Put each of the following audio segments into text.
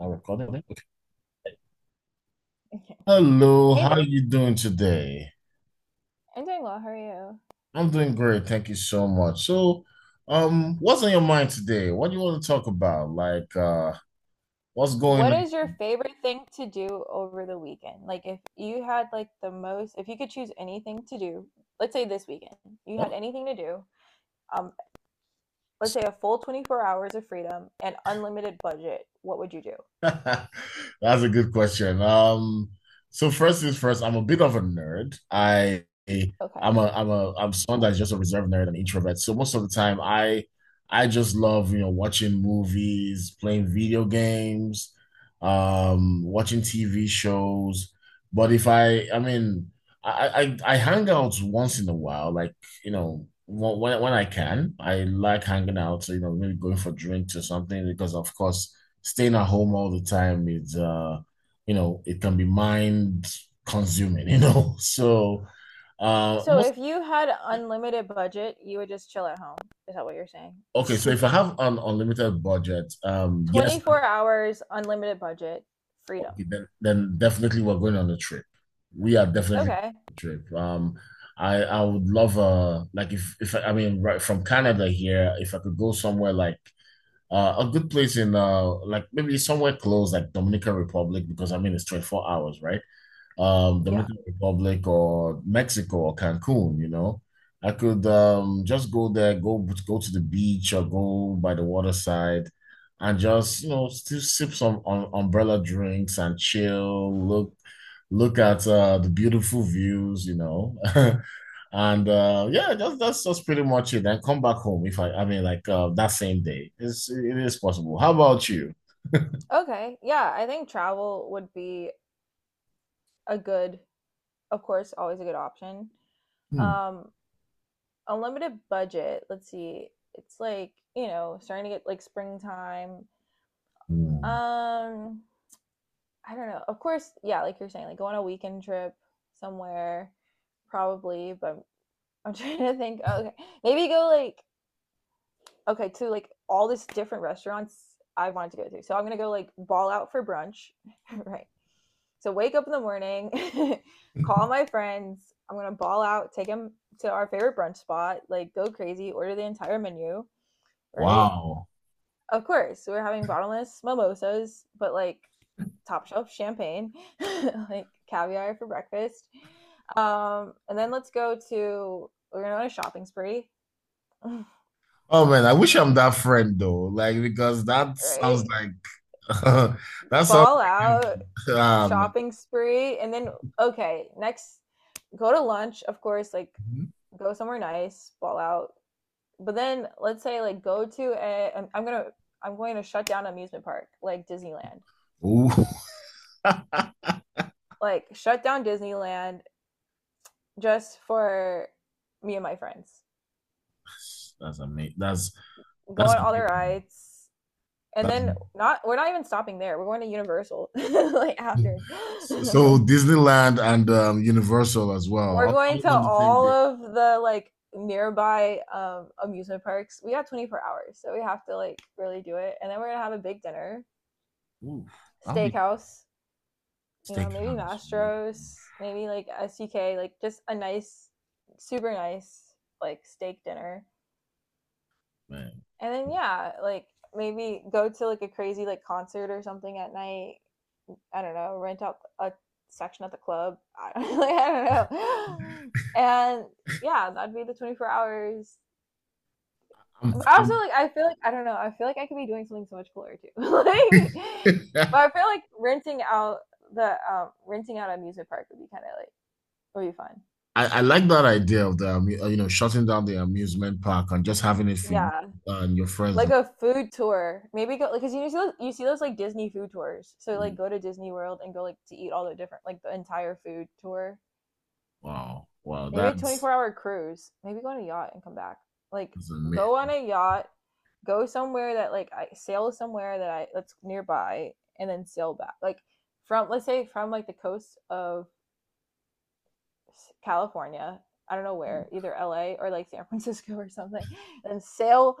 Now recording it. Okay. Okay. Hello, Hey how are there. you doing today? I'm doing well. How are you? I'm doing great, thank you so much. So, what's on your mind today? What do you want to talk about? What's What going is your favorite thing to do over the weekend? Like if you had like the most if you could choose anything to do, let's say this weekend, you had on? anything to do, um, let's say a full 24 hours of freedom and unlimited budget, what would you do? That's a good question. So first things first, I'm a bit of a nerd. I I'm Okay. a I'm a I'm someone that's just a reserved nerd and introvert. So most of the time I just love, you know, watching movies, playing video games, watching TV shows. But if I I mean I hang out once in a while, like, you know, when I can. I like hanging out, so you know, maybe going for drinks or something because of course staying at home all the time is you know it can be mind consuming, you know. so So most if you had unlimited budget, you would just chill at home. Is that what you're saying? Okay, so if I have an unlimited budget, yes. 24 hours, unlimited budget, Okay, freedom. Then definitely we're going on a trip. We are definitely Okay. on a trip. I would love like if I I mean right from Canada here, if I could go somewhere like a good place in like maybe somewhere close like Dominican Republic, because I mean it's 24 hours, right? Yeah. Dominican Republic or Mexico or Cancun, you know. I could just go there, go to the beach or go by the waterside and just, you know, still sip some umbrella drinks and chill, look at the beautiful views, you know. And yeah, that's just pretty much it. And come back home if that same day. It's it is possible. How about you? Okay. Yeah, I think travel would be a good of course, always a good option. Hmm. Um, Unlimited budget, let's see. It's like, you know, starting to get like springtime. Hmm. Um, I don't know. Of course, yeah, like you're saying, like go on a weekend trip somewhere, probably. But I'm trying to think. Okay, maybe go like okay to like all this different restaurants I wanted to go to. So I'm gonna go like ball out for brunch, right? So wake up in the morning, call my friends. I'm gonna ball out, take them to our favorite brunch spot, like go crazy, order the entire menu, right? Wow. Of course, we're having bottomless mimosas, but like top shelf champagne, like caviar for breakfast. And then let's go to we're gonna go on a shopping spree, Oh man, I wish right? I'm that friend though. Like because that sounds Right? like that sounds Ball like out, heaven. Ah, man. shopping spree, and then okay, next go to lunch of course, like go somewhere nice, ball out. But then let's say like go to a I'm gonna I'm going to shut down amusement park, like Disneyland. Ooh. Like shut down Disneyland just for me and my friends, That's amazing. That's go that's on all the amazing. rides. And That's then not we're not even stopping there, we're going to Universal like amazing. after. So, so Like Disneyland and Universal as well. we're going to I'm on the same all day. of the like nearby amusement parks. We got 24 hours, so we have to like really do it. And then we're gonna have a big dinner, Ooh, I'll be steakhouse. You know, maybe steakhouse. Ooh, Mastro's, maybe like SUK, like just a nice, super nice like steak dinner. man, And then yeah, like maybe go to like a crazy like concert or something at night. I don't know, rent out a section at the club. I don't, like, I don't know. And yeah, that'd be the 24 hours. But also, I'm like, I feel like I don't know. I feel like I could be doing something so much cooler too. Like, but I feel like renting out the renting out an amusement park would be kind of like would be fun. I like that idea of the you know, shutting down the amusement park and just having it for you Yeah, and your friends. like a food tour. Maybe go like, because you see those, like Disney food tours. So like go to Disney World and go like to eat all the different, like the entire food tour. Wow, wow, Maybe a that's, 24-hour cruise. Maybe go on a yacht and come back. Like that's go amazing. on a yacht, go somewhere that like I sail somewhere that's nearby and then sail back. Like from, let's say from like the coast of California, I don't know where, either LA or like San Francisco or something, and sail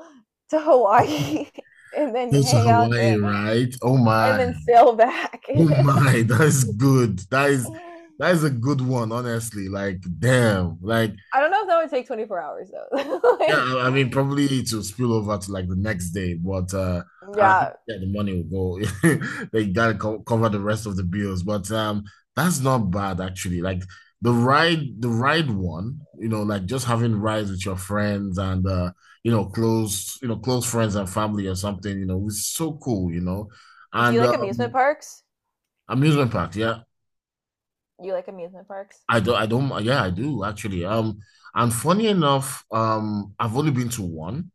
to Hawaii and then Go to hang out Hawaii, there right? And then sail back. Oh my, that's good. That is a good one, honestly. Like, damn, like I don't know if that would take 24 hours though. yeah, Like I mean, probably it will spill over to like the next day, but I yeah. think yeah, the money will go. They gotta co cover the rest of the bills, but that's not bad actually. Like the ride one, you know, like just having rides with your friends and you know, close friends and family or something, you know, it's so cool, you know. Do you And like amusement parks? Amusement park, yeah, You like amusement parks? I do, I don't, yeah, I do actually. And funny enough, I've only been to one.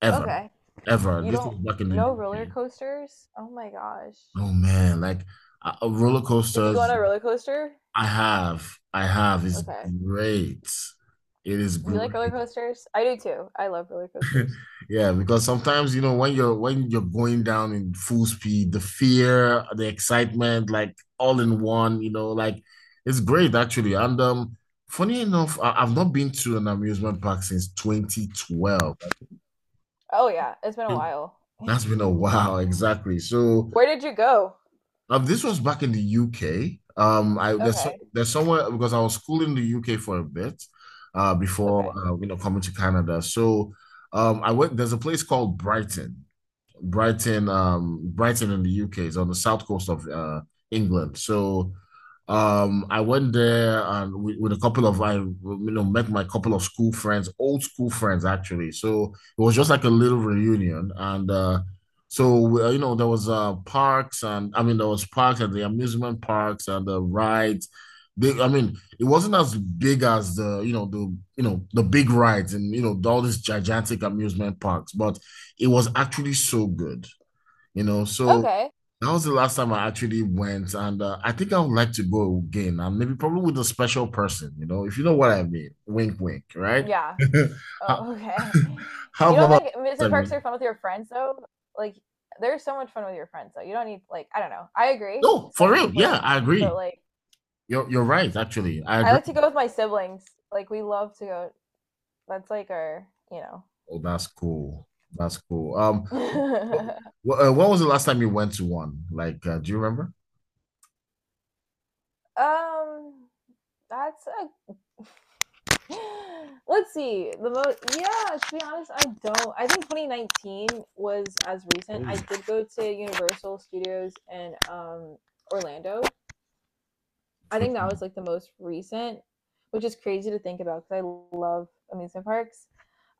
ever, Okay. ever. You This don't was back in the know roller UK. coasters? Oh my gosh. Oh man, like roller Did you go on coasters. a roller coaster? I have, I have. It's Okay. great. It is You like roller great. coasters? I do too. I love roller coasters. Yeah, because sometimes, you know, when you're going down in full speed, the fear, the excitement, like all in one. You know, like it's great actually. And Funny enough, I've not been to an amusement park since 2012. I Oh yeah, it's been a think while. That's been a while, exactly. So. Where did you go? This was back in the UK. I Okay. There's somewhere because I was schooling in the UK for a bit, before Okay. You know, coming to Canada. So, I went. There's a place called Brighton. Brighton in the UK is on the south coast of England. So I went there, with a couple of I you know met my couple of school friends, old school friends actually. So it was just like a little reunion, and you know, there was parks and the amusement parks and the rides. They, I mean, it wasn't as big as the big rides and you know all these gigantic amusement parks, but it was actually so good, you know. So Okay. that was the last time I actually went, and I think I would like to go again, and maybe probably with a special person, you know, if you know what I mean. Wink, wink, right? Yeah. How, Oh, okay. how You don't about like amusement parks Samuel? are fun with your friends though? Like there's so much fun with your friends though. You don't need like, I don't know. I agree. No, for Special real. people are Yeah, I fine, but agree. like, You're right. Actually, I I agree. like to go with my siblings. Like we love to go. That's like our, you know. Oh, that's cool. That's cool. Um, what, what was the last time you went to one? Do you remember? um, that's a. Let's see. The most. Yeah, to be honest, I don't. I think 2019 was as recent. I Oh, did go to Universal Studios in Orlando. I think that was like the most recent, which is crazy to think about because I love amusement parks.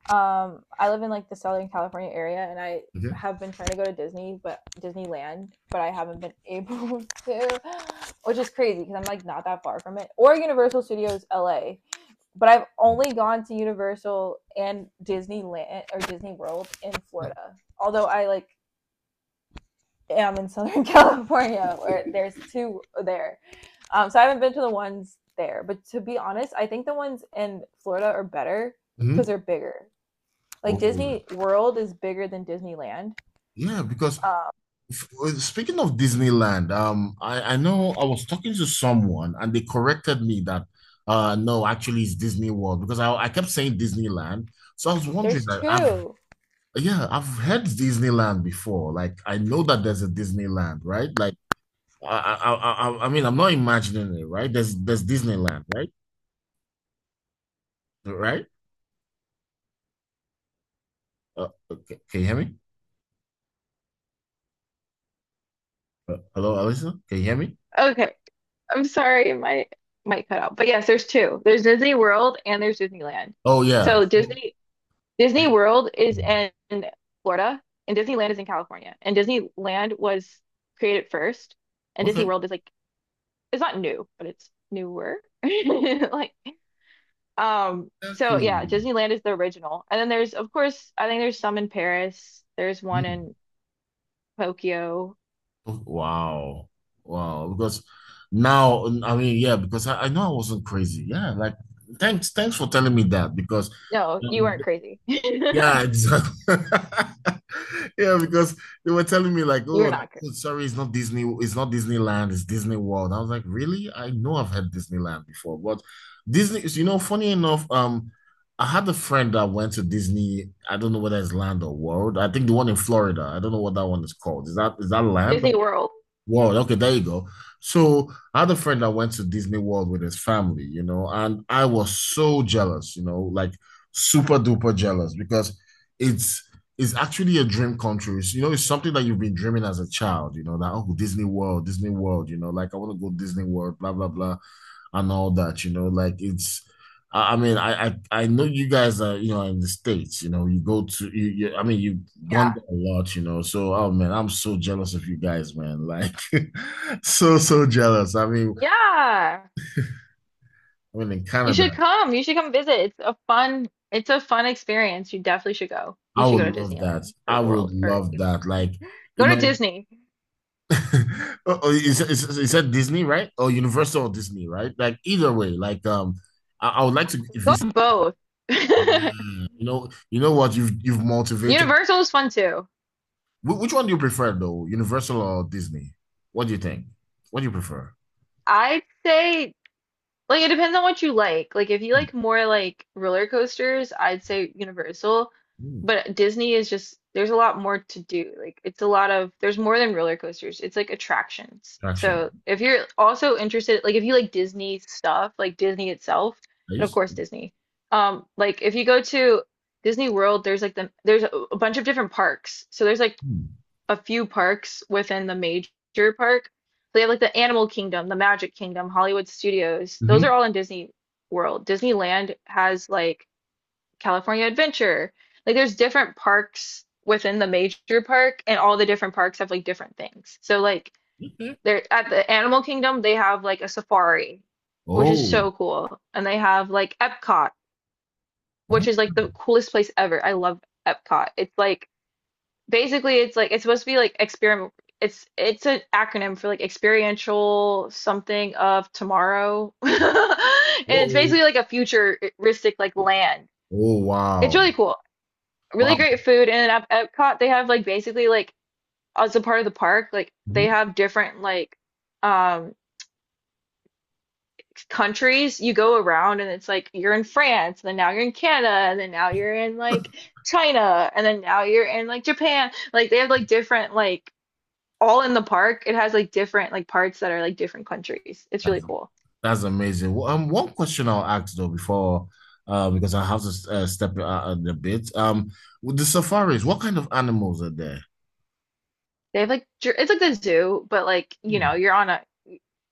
I live in like the Southern California area, and I okay. have been trying to go to Disney, but Disneyland, but I haven't been able to, which is crazy because I'm like not that far from it. Or Universal Studios LA, but I've only gone to Universal and Disneyland or Disney World in Florida. Although I like am in Southern California where there's two there. So I haven't been to the ones there. But to be honest, I think the ones in Florida are better because Mhm. they're bigger. Like Oh, Disney World is bigger than Disneyland. yeah, because Um, speaking of Disneyland, I know I was talking to someone and they corrected me that no, actually it's Disney World, because I kept saying Disneyland. So I was wondering there's that I've two. yeah, I've heard Disneyland before. Like I know that there's a Disneyland, right? Like I'm not imagining it, right? There's Disneyland, right? Right? Okay. Can you hear me? Hello, Alyssa? Can you hear me? Okay. I'm sorry, it might cut out. But yes, there's two. There's Disney World and there's Disneyland. Oh yeah. So So, Disney I- World is in Florida and Disneyland is in California. And Disneyland was created first and Disney okay. World is like, it's not new, but it's newer. Like so Exactly. yeah, Disneyland is the original. And then there's of course I think there's some in Paris. There's one Hmm. in Tokyo. Wow. Wow. Because now, I mean, yeah, because I know I wasn't crazy. Yeah, like thanks for telling me that because No, you um, weren't crazy. yeah, exactly. Yeah, because they were telling me like, You were oh, not crazy. oh, sorry, it's not it's not Disneyland, it's Disney World. I was like, really? I know I've had Disneyland before, but Disney, you know, funny enough, I had a friend that went to Disney. I don't know whether it's Land or World. I think the one in Florida. I don't know what that one is called. Is that Land? Disney World. World, okay, there you go. So I had a friend that went to Disney World with his family, you know, and I was so jealous, you know, like super duper jealous because it's actually a dream come true. It's, you know, it's something that you've been dreaming as a child, you know, that oh Disney World, Disney World, you know, like I want to go Disney World, blah blah blah and all that, you know, like it's I mean, I know you guys are, you know, in the States, you know, you you've gone there a lot, you know. So, oh man, I'm so jealous of you guys, man. Like so jealous. I mean, Yeah. Yeah. I mean in You should Canada, come. You should come visit. It's a fun experience. You definitely should go. You I should would go to love that. Disneyland I or would World or love either. that. Like, you Go to know, Disney. oh, oh, is that Disney, right? Or Universal or Disney, right? Like either way, like um, I would like to Go to visit. both. You know what? You've motivated Universal is fun too. which one do you prefer though, Universal or Disney? What do you think? What do you prefer? I'd say, like it depends on what you like. Like if you like more like roller coasters, I'd say Universal, Hmm, but Disney is just there's a lot more to do. Like it's a lot of there's more than roller coasters. It's like attractions. action, So if you're also interested, like if you like Disney stuff, like Disney itself, and of please. course Disney. Like if you go to Disney World, there's like there's a bunch of different parks. So there's like Hmm. a few parks within the major park. They have like the Animal Kingdom, the Magic Kingdom, Hollywood Studios. Those Mhm. are all in Disney World. Disneyland has like California Adventure. Like there's different parks within the major park, and all the different parks have like different things. So like Okay. they're at the Animal Kingdom, they have like a safari, which is Oh, so cool. And they have like Epcot, which oh, is like the coolest place ever. I love Epcot. It's like basically it's like it's supposed to be like experiment, it's an acronym for like experiential something of tomorrow, and it's oh, basically like a futuristic like land, oh, it's wow, really cool, really great wow. food. And at Epcot they have like basically like as a part of the park, like they Mhm. have different like um countries you go around, and it's like you're in France and then now you're in Canada and then now you're in like China and then now you're in like Japan. Like they have like different like all in the park. It has like different like parts that are like different countries. It's really That's, cool. that's amazing. Well, one question I'll ask though before, because I have to step out a bit. With the safaris, what kind of animals are there? They have like it's like the zoo, but like you know Hmm. you're on a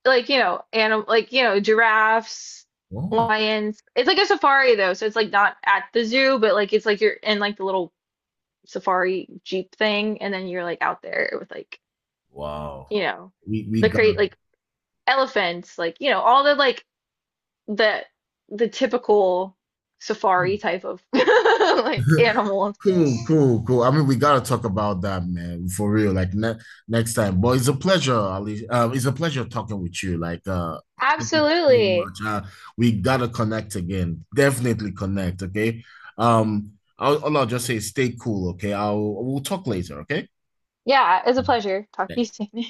like you know animal, like you know, giraffes, Oh, lions. It's like a safari though, so it's like not at the zoo, but like it's like you're in like the little safari jeep thing, and then you're like out there with like wow. you know We the got. crate like elephants, like you know all the like the the typical safari type of like animals. Cool. I mean, we gotta talk about that, man, for real. Like ne next time. But it's a pleasure, Ali. It's a pleasure talking with you. Thank you so Absolutely. much. We gotta connect again. Definitely connect, okay? All I'll just say, is stay cool, okay? I'll We'll talk later, okay? Yeah, it's a pleasure. Talk to you Thanks. soon.